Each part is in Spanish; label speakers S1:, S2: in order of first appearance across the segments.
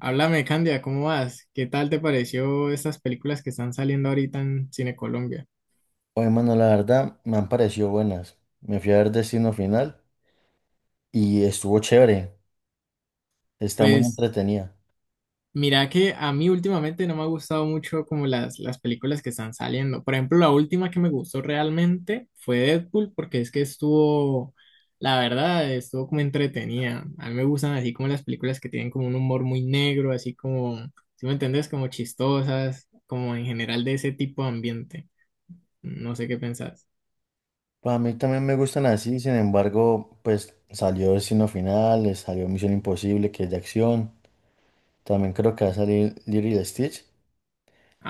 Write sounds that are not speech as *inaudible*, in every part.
S1: Háblame, Candia, ¿cómo vas? ¿Qué tal te pareció estas películas que están saliendo ahorita en Cine Colombia?
S2: Oye, mano, la verdad me han parecido buenas. Me fui a ver Destino Final y estuvo chévere. Está muy
S1: Pues
S2: entretenida.
S1: mira que a mí últimamente no me ha gustado mucho como las películas que están saliendo. Por ejemplo, la última que me gustó realmente fue Deadpool porque es que estuvo, la verdad, estuvo como entretenida. A mí me gustan así como las películas que tienen como un humor muy negro, así como, si me entendés, como chistosas, como en general de ese tipo de ambiente. No sé qué pensás.
S2: Pues a mí también me gustan así, sin embargo, pues salió Destino Final, salió Misión Imposible, que es de acción. También creo que va a salir Lilo y Stitch.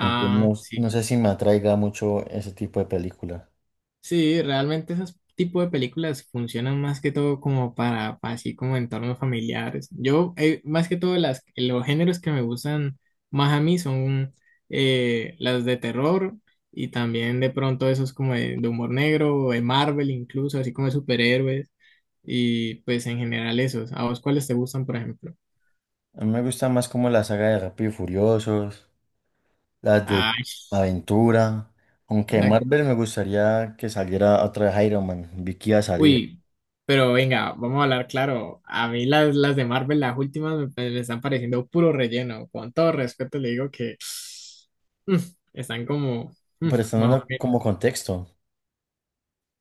S2: Entonces no,
S1: sí.
S2: no sé si me atraiga mucho ese tipo de película.
S1: Sí, realmente esos tipos de películas funcionan más que todo como para así como entornos familiares. Yo, más que todo, los géneros que me gustan más a mí son las de terror y también de pronto esos como de humor negro o de Marvel incluso, así como de superhéroes y pues en general esos. ¿A vos cuáles te gustan, por ejemplo?
S2: A mí me gusta más como la saga de Rápido y Furiosos, las de
S1: Ay,
S2: aventura.
S1: o
S2: Aunque
S1: sea,
S2: Marvel me gustaría que saliera otra de Iron Man. Vi que iba a salir.
S1: uy, pero venga, vamos a hablar claro. A mí las de Marvel, las últimas, me están pareciendo puro relleno. Con todo respeto le digo que mm, están como mm,
S2: Pero están
S1: más o
S2: dando
S1: menos.
S2: como contexto,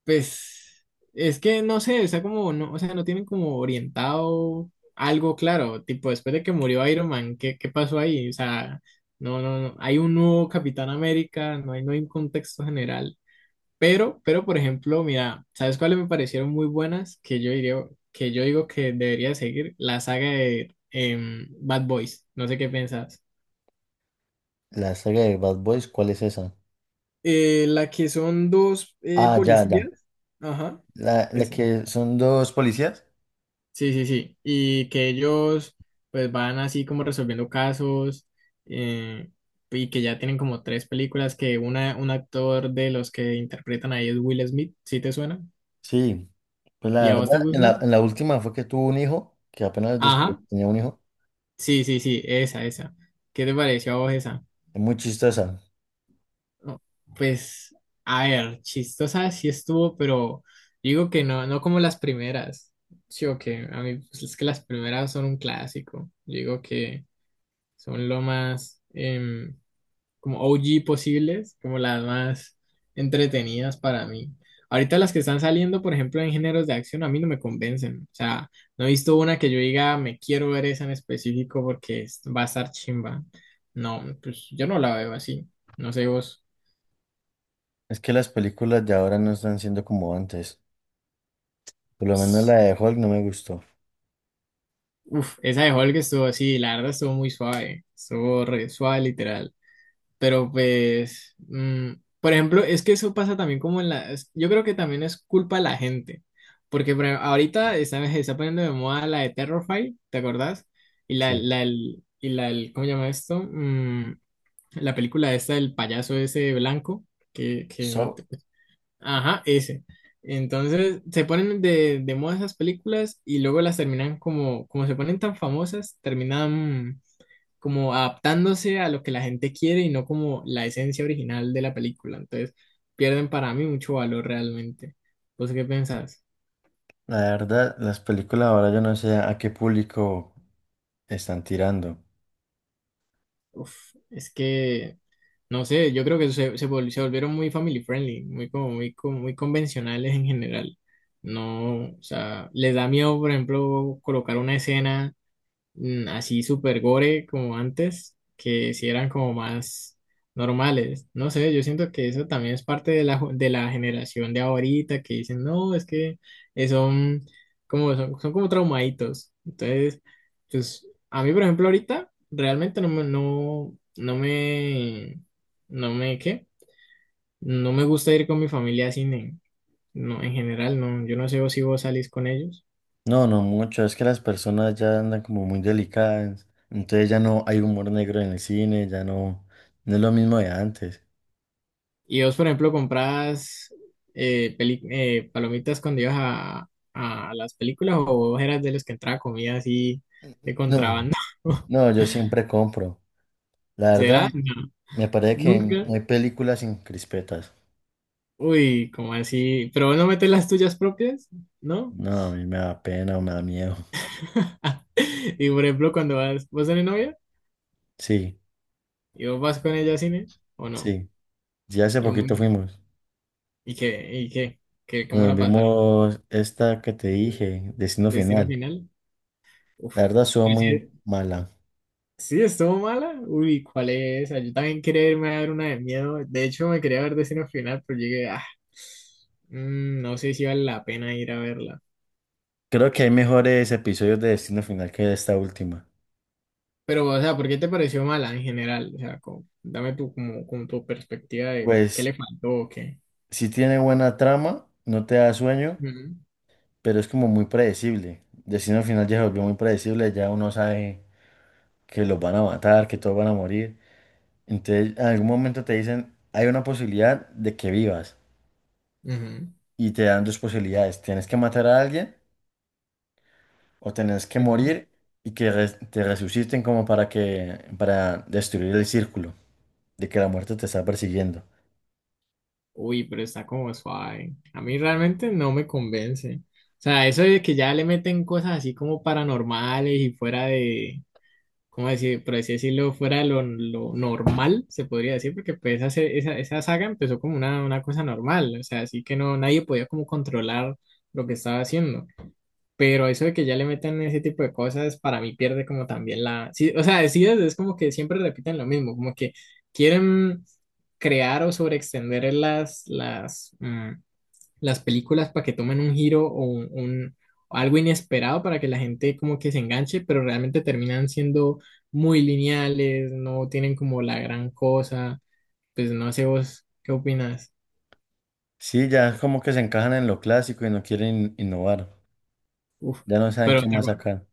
S1: Pues es que no sé, está como, no, o sea, no tienen como orientado algo claro. Tipo, después de que murió Iron Man, ¿qué pasó ahí? O sea, no, no, no. Hay un nuevo Capitán América, no hay un contexto general. Pero, por ejemplo, mira, ¿sabes cuáles me parecieron muy buenas? Que yo digo que debería seguir la saga de Bad Boys. No sé qué pensás.
S2: la saga de Bad Boys, ¿cuál es esa?
S1: La que son dos
S2: Ah, ya, ya.
S1: policías. Ajá.
S2: La
S1: Esa.
S2: que son dos policías.
S1: Sí, sí, sí. Y que ellos pues van así como resolviendo casos, eh, y que ya tienen como tres películas, que un actor de los que interpretan ahí es Will Smith, ¿sí te suena?
S2: Sí. Pues la
S1: ¿Y a vos te
S2: verdad, en la,
S1: gustan?
S2: en la última fue que tuvo un hijo, que apenas descubrió
S1: Ajá.
S2: que tenía un hijo.
S1: Sí, sí, sí, esa, esa. ¿Qué te pareció a vos esa?
S2: Es muy chistosa.
S1: No. Pues, a ver, chistosa sí estuvo, pero digo que no, no como las primeras. Sí, o que a mí, pues, es que las primeras son un clásico. Digo que son lo más, como OG posibles, como las más entretenidas para mí. Ahorita las que están saliendo, por ejemplo, en géneros de acción, a mí no me convencen. O sea, no he visto una que yo diga, me quiero ver esa en específico porque va a estar chimba. No, pues yo no la veo así. No sé vos.
S2: Es que las películas de ahora no están siendo como antes. Por lo menos la
S1: Ps,
S2: de Hulk no me gustó.
S1: Uf, esa de Hulk estuvo así, la verdad estuvo muy suave. Estuvo re suave, literal. Pero pues, por ejemplo, es que eso pasa también como en la... es- yo creo que también es culpa de la gente, porque por ejemplo, ahorita se está poniendo de moda la de Terrify, ¿te acordás? Y la,
S2: Sí.
S1: la, el- y la, el- ¿cómo se llama esto? La película esta del payaso ese blanco, que no
S2: So,
S1: te- ajá, ese. Entonces, se ponen de moda esas películas y luego las terminan como se ponen tan famosas, terminan como adaptándose a lo que la gente quiere y no como la esencia original de la película. Entonces, pierden para mí mucho valor realmente. ¿Vos qué pensás?
S2: la verdad, las películas ahora yo no sé a qué público están tirando.
S1: Uf, es que, no sé, yo creo que se volvieron muy family friendly, muy, como, muy, como muy convencionales en general. No, o sea, les da miedo, por ejemplo, colocar una escena, así super gore como antes, que si eran como más normales. No sé, yo siento que eso también es parte de de la generación de ahorita que dicen, no, es que son como, son como traumaditos. Entonces, pues a mí, por ejemplo, ahorita realmente no me, no, no me, no me, ¿qué? no me gusta ir con mi familia a cine. No, en general, no. Yo no sé si vos salís con ellos.
S2: No, no mucho, es que las personas ya andan como muy delicadas, entonces ya no hay humor negro en el cine, ya no, no es lo mismo de antes.
S1: Y vos, por ejemplo, comprabas, palomitas cuando ibas a las películas, o vos eras de los que entraba comida así de
S2: No.
S1: contrabando. *laughs*
S2: No, yo siempre compro. La verdad,
S1: ¿Será? No,
S2: me parece que
S1: nunca.
S2: no hay películas sin crispetas.
S1: Uy, como así? ¿Pero vos no metes las tuyas propias? ¿No?
S2: No, a mí me da pena o me da miedo.
S1: *laughs* Y por ejemplo, cuando vas, vos tenés novia
S2: Sí,
S1: y vos vas con ella al cine o no.
S2: sí. Ya hace
S1: Y,
S2: poquito
S1: un-
S2: fuimos.
S1: y qué, y qué, ¿Cómo
S2: Nos
S1: la pasar?
S2: vimos esta que te dije, Destino
S1: ¿Destino
S2: Final.
S1: Final? Uf.
S2: La verdad, estuvo muy mala.
S1: Sí, estuvo mala. Uy, ¿cuál es esa? Yo también quería irme a ver una de miedo. De hecho, me quería ver Destino Final, pero llegué, no sé si vale la pena ir a verla.
S2: Creo que hay mejores episodios de Destino Final que esta última.
S1: Pero, o sea, ¿por qué te pareció mala en general? O sea, dame tu, como tu perspectiva de qué
S2: Pues,
S1: le faltó o qué.
S2: si tiene buena trama, no te da sueño,
S1: Ujú,
S2: pero es como muy predecible. Destino Final ya se volvió muy predecible, ya uno sabe que los van a matar, que todos van a morir. Entonces, en algún momento te dicen, hay una posibilidad de que vivas
S1: ujú,
S2: y te dan dos posibilidades. Tienes que matar a alguien o tienes que
S1: ujú.
S2: morir y que te resuciten como para que, para destruir el círculo de que la muerte te está persiguiendo.
S1: Uy, pero está como suave. A mí realmente no me convence. O sea, eso de que ya le meten cosas así como paranormales y fuera de, como decir, por así decirlo, fuera de lo normal, se podría decir, porque pues esa saga empezó como una cosa normal, o sea, así que no, nadie podía como controlar lo que estaba haciendo. Pero eso de que ya le metan ese tipo de cosas, para mí pierde como también la... Sí, o sea, decides, es como que siempre repiten lo mismo, como que quieren crear o sobreextender las películas para que tomen un giro o algo inesperado para que la gente como que se enganche, pero realmente terminan siendo muy lineales, no tienen como la gran cosa. Pues no sé vos qué opinas.
S2: Sí, ya como que se encajan en lo clásico y no quieren innovar.
S1: Uf,
S2: Ya no saben
S1: pero,
S2: qué
S1: te
S2: más
S1: acu-
S2: sacar.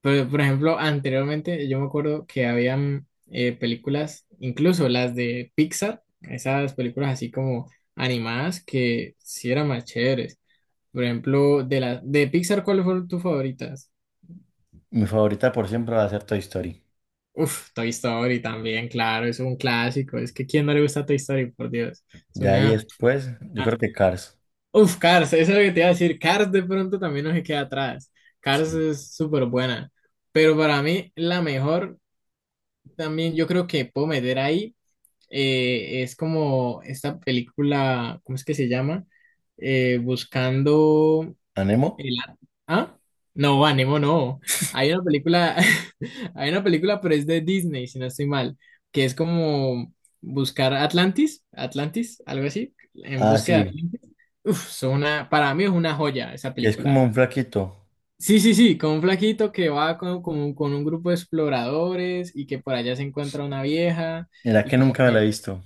S1: pero, por ejemplo, anteriormente yo me acuerdo que habían, películas, incluso las de Pixar, esas películas así como animadas que sí eran más chéveres. Por ejemplo, de la de Pixar, ¿cuáles fueron tus favoritas?
S2: Mi favorita por siempre va a ser Toy Story.
S1: Uf, Toy Story también, claro, es un clásico. Es que ¿quién no le gusta Toy Story? Por Dios. Es
S2: Ya ahí
S1: una...
S2: después, yo
S1: Ah,
S2: creo que Cars.
S1: uf, Cars, eso es lo que te iba a decir. Cars de pronto también no se queda atrás. Cars
S2: Sí.
S1: es súper buena. Pero para mí la mejor también yo creo que puedo meter ahí, es como esta película, ¿cómo es que se llama? Buscando...
S2: ¿A Nemo?
S1: El a- ¿Ah? No, Anemo, no. Hay una película, *laughs* hay una película, pero es de Disney, si no estoy mal, que es como buscar Atlantis, algo así, en
S2: Ah,
S1: busca de
S2: sí.
S1: Atlantis. Uf, para mí es una joya esa
S2: Que es como
S1: película.
S2: un flaquito.
S1: Sí, sí, sí, con un flaquito que va con un grupo de exploradores y que por allá se encuentra una vieja
S2: Mira
S1: y
S2: que
S1: como
S2: nunca me la he
S1: que
S2: visto.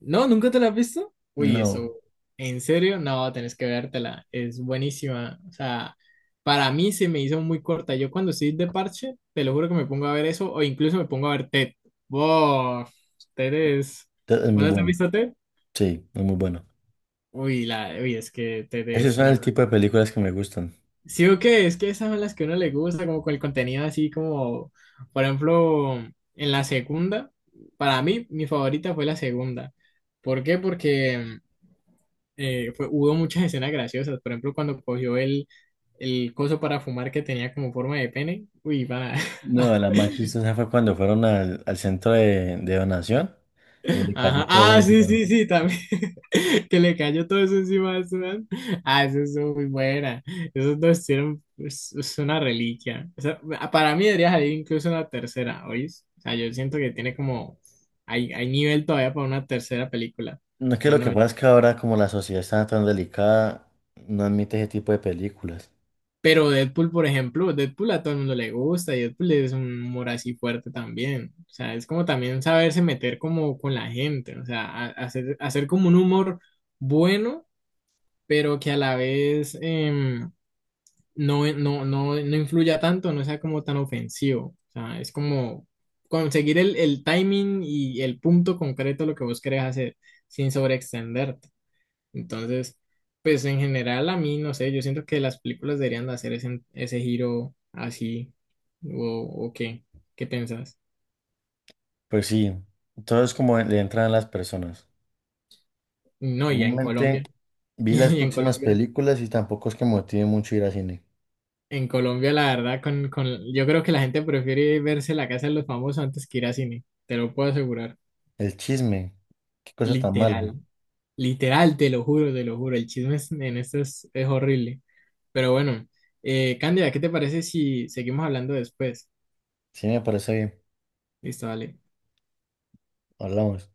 S1: ¿no? ¿Nunca te la has visto? Uy,
S2: No.
S1: eso, ¿en serio? No, tenés que vértela, es buenísima. O sea, para mí se me hizo muy corta. Yo cuando estoy de parche, te lo juro que me pongo a ver eso o incluso me pongo a ver TED. ¡Wow! TED es...
S2: Es
S1: ¿Vos
S2: muy
S1: no te has
S2: bueno.
S1: visto TED?
S2: Sí, es muy bueno.
S1: Uy, la... Uy, es que TED
S2: Esos
S1: es
S2: son
S1: una...
S2: el tipo de películas que me gustan.
S1: sí o qué, es que esas son las que a uno le gusta, como con el contenido así como, por ejemplo, en la segunda, para mí mi favorita fue la segunda. ¿Por qué? Porque... hubo muchas *laughs* escenas graciosas. Por ejemplo, cuando cogió el coso para fumar que tenía como forma de pene. Uy, va. *laughs*
S2: No, la más chistosa fue cuando fueron al centro de donación y le cayó
S1: Ajá.
S2: todo eso
S1: Ah, sí,
S2: encima.
S1: sí, sí, también. *laughs* Que le cayó todo eso encima de su mano. Ah, eso es muy buena. Esos dos hicieron, es una reliquia. O sea, para mí debería salir incluso una tercera, ¿oís? O sea, yo siento que tiene como... hay nivel todavía para una tercera película.
S2: No es que lo que
S1: Bueno,
S2: pasa es que ahora como la sociedad está tan delicada, no admite ese tipo de películas.
S1: pero Deadpool, por ejemplo, Deadpool a todo el mundo le gusta y Deadpool es un humor así fuerte también. O sea, es como también saberse meter como con la gente, o sea, hacer como un humor bueno, pero que a la vez, no, no, no, no influya tanto, no sea como tan ofensivo. O sea, es como conseguir el timing y el punto concreto de lo que vos querés hacer sin sobreextenderte. Entonces, pues en general a mí, no sé, yo siento que las películas deberían de hacer ese giro así, o, o qué, ¿qué piensas?
S2: Pues sí, todo es como le entran a las personas.
S1: No, y en
S2: Realmente
S1: Colombia, *laughs*
S2: vi las
S1: y en
S2: próximas
S1: Colombia,
S2: películas y tampoco es que me motive mucho ir al cine.
S1: en Colombia la verdad, yo creo que la gente prefiere verse La Casa de los Famosos antes que ir a cine, te lo puedo asegurar,
S2: El chisme, qué cosa tan mala.
S1: literal, literal, te lo juro, el chisme en esto es horrible, pero bueno, Cándida, ¿qué te parece si seguimos hablando después?
S2: Sí, me parece bien.
S1: Listo, dale.
S2: Hablamos.